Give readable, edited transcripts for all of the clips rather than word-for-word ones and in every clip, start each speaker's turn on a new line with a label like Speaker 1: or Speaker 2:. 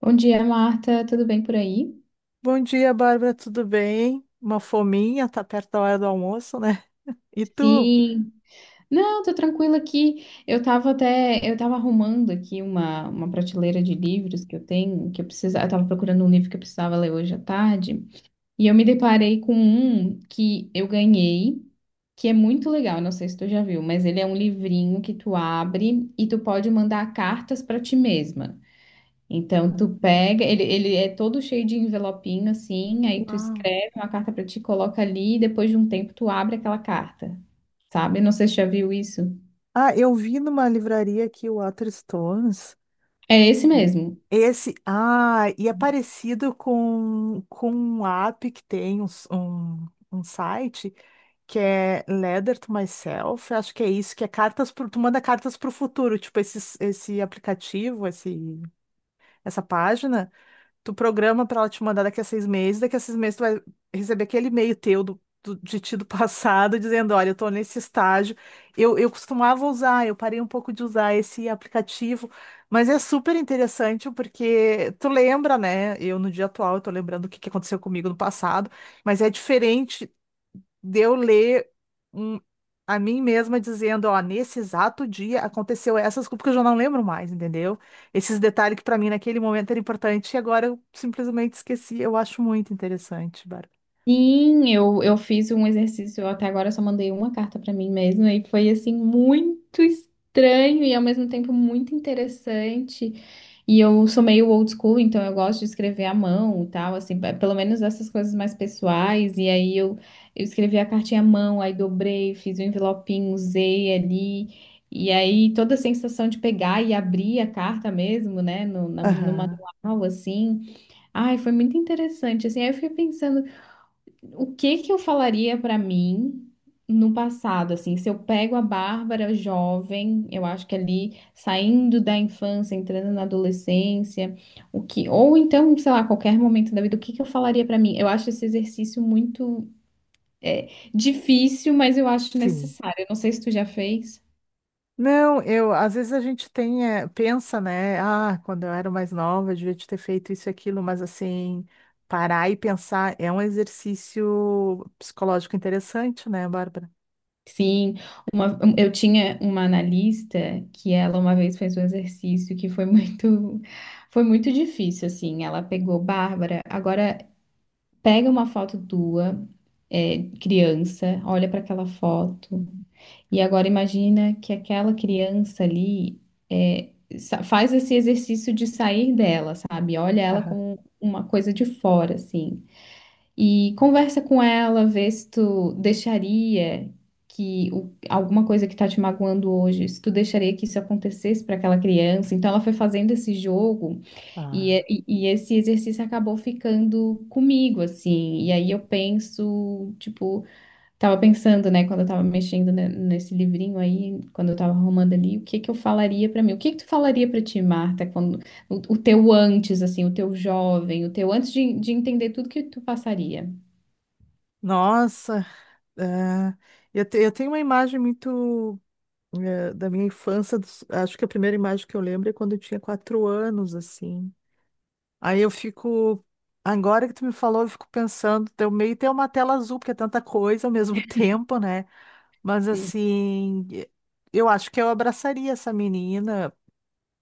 Speaker 1: Bom dia, Marta. Tudo bem por aí?
Speaker 2: Bom dia, Bárbara, tudo bem? Uma fominha, tá perto da hora do almoço, né? E tu?
Speaker 1: Sim. Não, tô tranquila aqui. Eu tava arrumando aqui uma prateleira de livros que eu tenho, que eu precisava, eu tava procurando um livro que eu precisava ler hoje à tarde, e eu me deparei com um que eu ganhei, que é muito legal, não sei se tu já viu, mas ele é um livrinho que tu abre e tu pode mandar cartas pra ti mesma. Então, tu pega, ele é todo cheio de envelopinho, assim, aí tu
Speaker 2: Uau.
Speaker 1: escreve uma carta pra ti, coloca ali, e depois de um tempo tu abre aquela carta, sabe? Não sei se já viu isso.
Speaker 2: Ah, eu vi numa livraria aqui o Waterstones.
Speaker 1: É esse mesmo.
Speaker 2: Esse, ah, e é parecido com um app que tem um site que é Letter to Myself, acho que é isso, que é cartas pro, tu manda cartas para o futuro, tipo esse, aplicativo, essa página. Tu programa pra ela te mandar daqui a 6 meses, daqui a 6 meses tu vai receber aquele e-mail teu de ti do passado, dizendo, olha, eu tô nesse estágio. Eu costumava usar, eu parei um pouco de usar esse aplicativo, mas é super interessante porque tu lembra, né? Eu no dia atual, eu tô lembrando o que que aconteceu comigo no passado, mas é diferente de eu ler um- a mim mesma dizendo, ó, nesse exato dia aconteceu essas coisas, porque eu já não lembro mais, entendeu? Esses detalhes que para mim naquele momento era importante e agora eu simplesmente esqueci. Eu acho muito interessante, Bárbara.
Speaker 1: Sim, eu fiz um exercício, eu até agora só mandei uma carta pra mim mesma e foi assim muito estranho e ao mesmo tempo muito interessante. E eu sou meio old school, então eu gosto de escrever à mão e tal, assim, pelo menos essas coisas mais pessoais. Eu escrevi a cartinha à mão, aí dobrei, fiz um envelopinho, usei ali. E aí toda a sensação de pegar e abrir a carta mesmo, né, no
Speaker 2: Aham,
Speaker 1: manual, assim. Ai, foi muito interessante, assim, aí eu fiquei pensando o que que eu falaria pra mim no passado, assim, se eu pego a Bárbara jovem, eu acho que ali saindo da infância, entrando na adolescência, o que, ou então, sei lá, qualquer momento da vida, o que que eu falaria pra mim? Eu acho esse exercício muito é, difícil, mas eu acho
Speaker 2: sim.
Speaker 1: necessário. Eu não sei se tu já fez.
Speaker 2: Não, às vezes a gente pensa, né? Ah, quando eu era mais nova, eu devia ter feito isso e aquilo, mas assim, parar e pensar é um exercício psicológico interessante, né, Bárbara?
Speaker 1: Sim, eu tinha uma analista que ela uma vez fez um exercício que foi muito difícil, assim. Ela pegou Bárbara. Agora pega uma foto tua, criança, olha para aquela foto, e agora imagina que aquela criança ali é, faz esse exercício de sair dela, sabe? Olha ela
Speaker 2: Aham.
Speaker 1: com uma coisa de fora, assim, e conversa com ela, vê se tu deixaria alguma coisa que tá te magoando hoje, se tu deixaria que isso acontecesse para aquela criança. Então ela foi fazendo esse jogo. E, é-
Speaker 2: Ah.
Speaker 1: e e esse exercício acabou ficando comigo, assim. E aí eu penso, tipo, tava pensando, né, quando eu tava mexendo nesse livrinho aí, quando eu tava arrumando ali, o que que eu falaria pra mim? O que que tu falaria pra ti, Marta, quando o teu antes, assim, o teu jovem, o teu antes de entender tudo que tu passaria?
Speaker 2: Nossa. Ah, eu tenho uma imagem muito da minha infância. Acho que a primeira imagem que eu lembro é quando eu tinha 4 anos, assim. Aí eu fico. Agora que tu me falou, eu fico pensando, eu meio ter uma tela azul, porque é tanta coisa ao mesmo tempo, né? Mas
Speaker 1: E,
Speaker 2: assim, eu acho que eu abraçaria essa menina,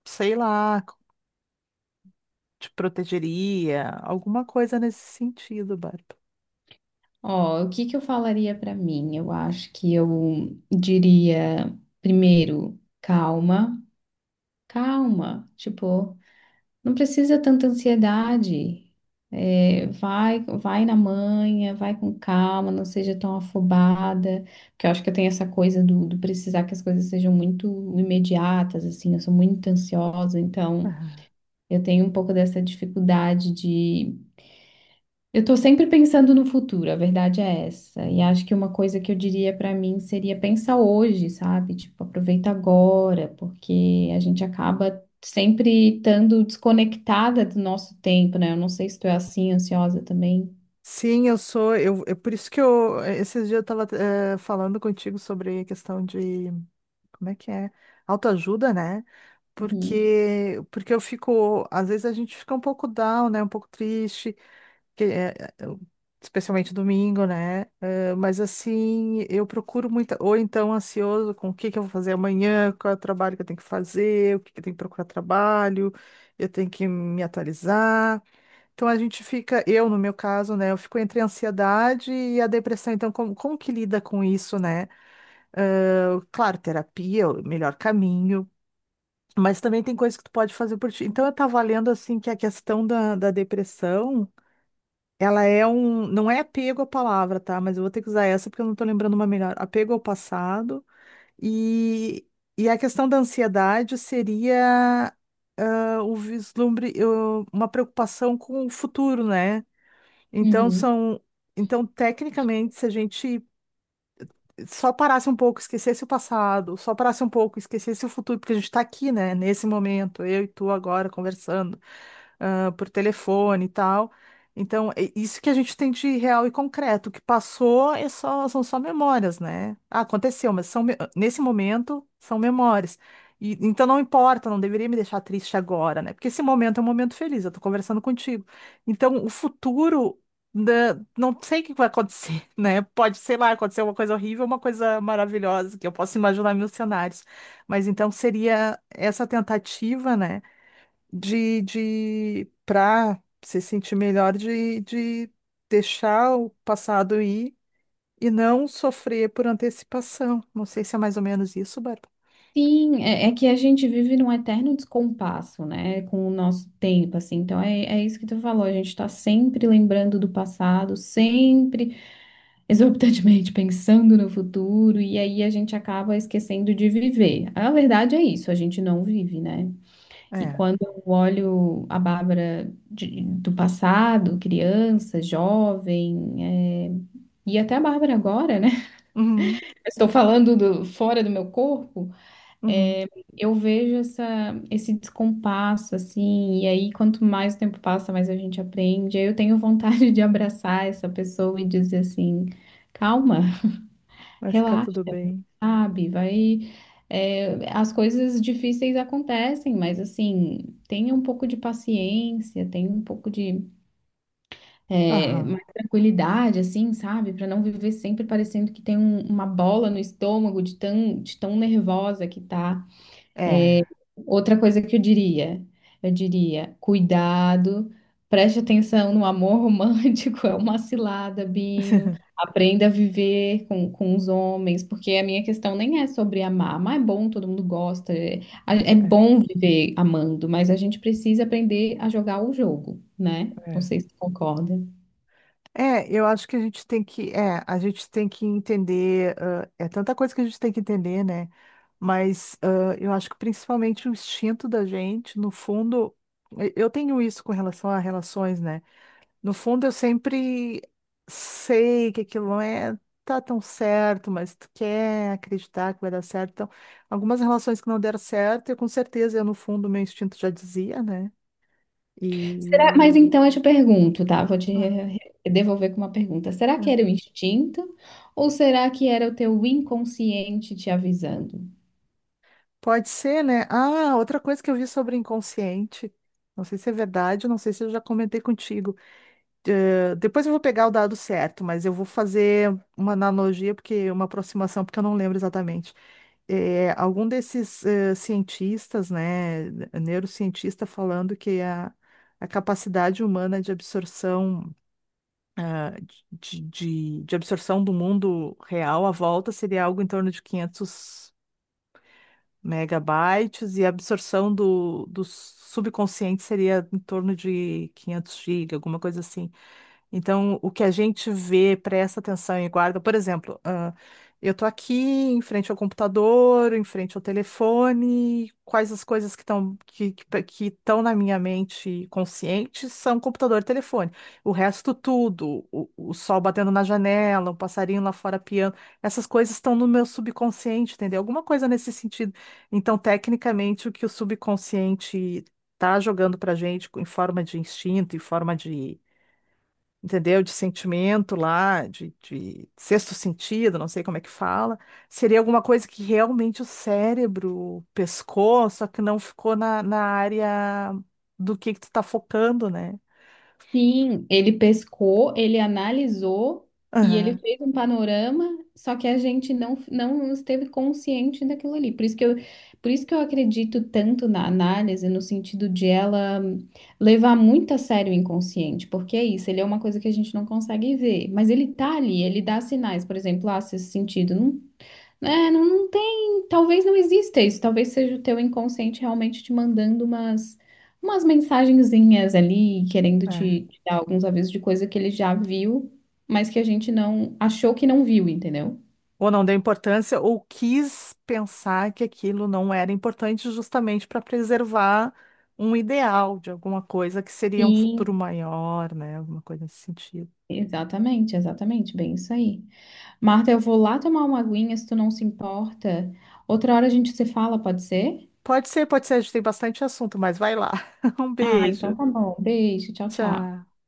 Speaker 2: sei lá, te protegeria, alguma coisa nesse sentido, Bárbara.
Speaker 1: Ó, o que que eu falaria pra mim? Eu acho que eu diria, primeiro, calma, calma, tipo. Não precisa tanta ansiedade. É, vai, vai na manhã, vai com calma, não seja tão afobada, porque eu acho que eu tenho essa coisa do precisar que as coisas sejam muito imediatas, assim, eu sou muito ansiosa, então eu tenho um pouco dessa dificuldade, eu estou sempre pensando no futuro, a verdade é essa. E acho que uma coisa que eu diria para mim seria pensar hoje, sabe? Tipo, aproveita agora, porque a gente acaba sempre estando desconectada do nosso tempo, né? Eu não sei se tu é assim, ansiosa também.
Speaker 2: Sim, eu sou. É por isso que eu. É, esses dias eu tava falando contigo sobre a questão de. Como é que é? Autoajuda, né?
Speaker 1: Uhum.
Speaker 2: Porque eu fico. Às vezes a gente fica um pouco down, né? Um pouco triste, que, eh, eh, eu- especialmente domingo, né? Mas assim, eu procuro muito. Ou então ansioso com o que que eu vou fazer amanhã, qual é o trabalho que eu tenho que fazer, o que que eu tenho que procurar trabalho, eu tenho que me atualizar. Então a gente fica, eu no meu caso, né, eu fico entre a ansiedade e a depressão. Então, como que lida com isso, né? Ah, claro, terapia é o melhor caminho, mas também tem coisas que tu pode fazer por ti. Então, eu tava lendo, assim, que a questão da depressão, ela é não é apego à palavra, tá? Mas eu vou ter que usar essa porque eu não tô lembrando uma melhor. Apego ao passado e, e a questão da ansiedade seria o vislumbre, uma preocupação com o futuro, né? Então
Speaker 1: Uhum.
Speaker 2: são, então tecnicamente, se a gente só parasse um pouco, esquecesse o passado, só parasse um pouco, esquecesse o futuro, porque a gente está aqui, né, nesse momento, eu e tu agora conversando por telefone e tal. Então, é isso que a gente tem de real e concreto. O que passou são só memórias, né? Ah, aconteceu, mas nesse momento são memórias. E então não importa, não deveria me deixar triste agora, né? Porque esse momento é um momento feliz, eu tô conversando contigo. Então, o futuro, né, não sei o que vai acontecer, né? Pode, sei lá, acontecer uma coisa horrível, uma coisa maravilhosa, que eu posso imaginar mil cenários. Mas então seria essa tentativa, né? De para se sentir melhor de deixar o passado ir e não sofrer por antecipação. Não sei se é mais ou menos isso, Bárbara.
Speaker 1: Sim, é, é que a gente vive num eterno descompasso, né, com o nosso tempo, assim. Então é, é isso que tu falou, a gente tá sempre lembrando do passado, sempre exorbitantemente pensando no futuro e aí a gente acaba esquecendo de viver. A verdade é isso, a gente não vive, né? E
Speaker 2: É.
Speaker 1: quando eu olho a Bárbara do passado, criança, jovem, é, e até a Bárbara agora, né?
Speaker 2: Uhum,
Speaker 1: Estou falando fora do meu corpo,
Speaker 2: uhum.
Speaker 1: eu vejo essa, esse descompasso, assim, e aí quanto mais o tempo passa, mais a gente aprende. Aí eu tenho vontade de abraçar essa pessoa e dizer assim, calma,
Speaker 2: Vai ficar
Speaker 1: relaxa.
Speaker 2: tudo bem.
Speaker 1: Sabe? Vai. É, as coisas difíceis acontecem, mas assim, tenha um pouco de paciência, tenha um pouco de
Speaker 2: Aham.
Speaker 1: mais tranquilidade, assim, sabe? Para não viver sempre parecendo que tem uma bola no estômago de tão nervosa que tá. É,
Speaker 2: É.
Speaker 1: outra coisa que eu diria, cuidado, preste atenção no amor romântico, é uma cilada, Bino. Aprenda a viver com os homens, porque a minha questão nem é sobre amar, mas é bom, todo mundo gosta, é, é
Speaker 2: É,
Speaker 1: bom viver amando, mas a gente precisa aprender a jogar o jogo, né? Não
Speaker 2: é.
Speaker 1: sei se tu concorda.
Speaker 2: É, eu acho que a gente tem que entender, é tanta coisa que a gente tem que entender, né? Mas eu acho que principalmente o instinto da gente, no fundo, eu tenho isso com relação a relações, né? No fundo, eu sempre sei que aquilo não tá tão certo, mas tu quer acreditar que vai dar certo. Então, algumas relações que não deram certo, eu com certeza, eu no fundo, meu instinto já dizia, né?
Speaker 1: Será...
Speaker 2: E
Speaker 1: Mas então eu te pergunto, tá?
Speaker 2: ah,
Speaker 1: Devolver com uma pergunta. Será que era o
Speaker 2: é.
Speaker 1: instinto ou será que era o teu inconsciente te avisando?
Speaker 2: Pode ser, né? Ah, outra coisa que eu vi sobre inconsciente, não sei se é verdade, não sei se eu já comentei contigo. Depois eu vou pegar o dado certo, mas eu vou fazer uma analogia, porque uma aproximação, porque eu não lembro exatamente. Algum desses cientistas, né, neurocientista falando que a capacidade humana de absorção, ah, de absorção do mundo real à volta seria algo em torno de 500 megabytes e a absorção do subconsciente seria em torno de 500 gigas, alguma coisa assim. Então, o que a gente vê, presta atenção e guarda, por exemplo, eu estou aqui em frente ao computador, em frente ao telefone, quais as coisas que estão que estão na minha mente consciente são computador e telefone. O resto tudo, o sol batendo na janela, um passarinho lá fora piando, essas coisas estão no meu subconsciente, entendeu? Alguma coisa nesse sentido. Então, tecnicamente, o que o subconsciente está jogando para gente em forma de instinto, em forma de entendeu? De sentimento lá, de sexto sentido, não sei como é que fala. Seria alguma coisa que realmente o cérebro pescou, só que não ficou na área do que tu tá focando, né?
Speaker 1: Sim, ele pescou, ele analisou e ele
Speaker 2: Aham,
Speaker 1: fez um panorama, só que a gente não, não esteve consciente daquilo ali. Por isso que eu acredito tanto na análise, no sentido de ela levar muito a sério o inconsciente, porque é isso, ele é uma coisa que a gente não consegue ver, mas ele tá ali, ele dá sinais, por exemplo, ah, se esse sentido não não, não tem, talvez não exista isso, talvez seja o teu inconsciente realmente te mandando umas mensagenzinhas ali, querendo
Speaker 2: é.
Speaker 1: te, te dar alguns avisos de coisa que ele já viu, mas que a gente não achou que não viu, entendeu?
Speaker 2: Ou não deu importância, ou quis pensar que aquilo não era importante justamente para preservar um ideal de alguma coisa que seria um futuro
Speaker 1: Sim.
Speaker 2: maior, né? Alguma coisa nesse sentido.
Speaker 1: Exatamente, exatamente, bem isso aí. Marta, eu vou lá tomar uma aguinha, se tu não se importa. Outra hora a gente se fala, pode ser?
Speaker 2: Pode ser, a gente tem bastante assunto, mas vai lá. Um
Speaker 1: Ah, então
Speaker 2: beijo.
Speaker 1: tá bom. Beijo, tchau, tchau.
Speaker 2: Tá.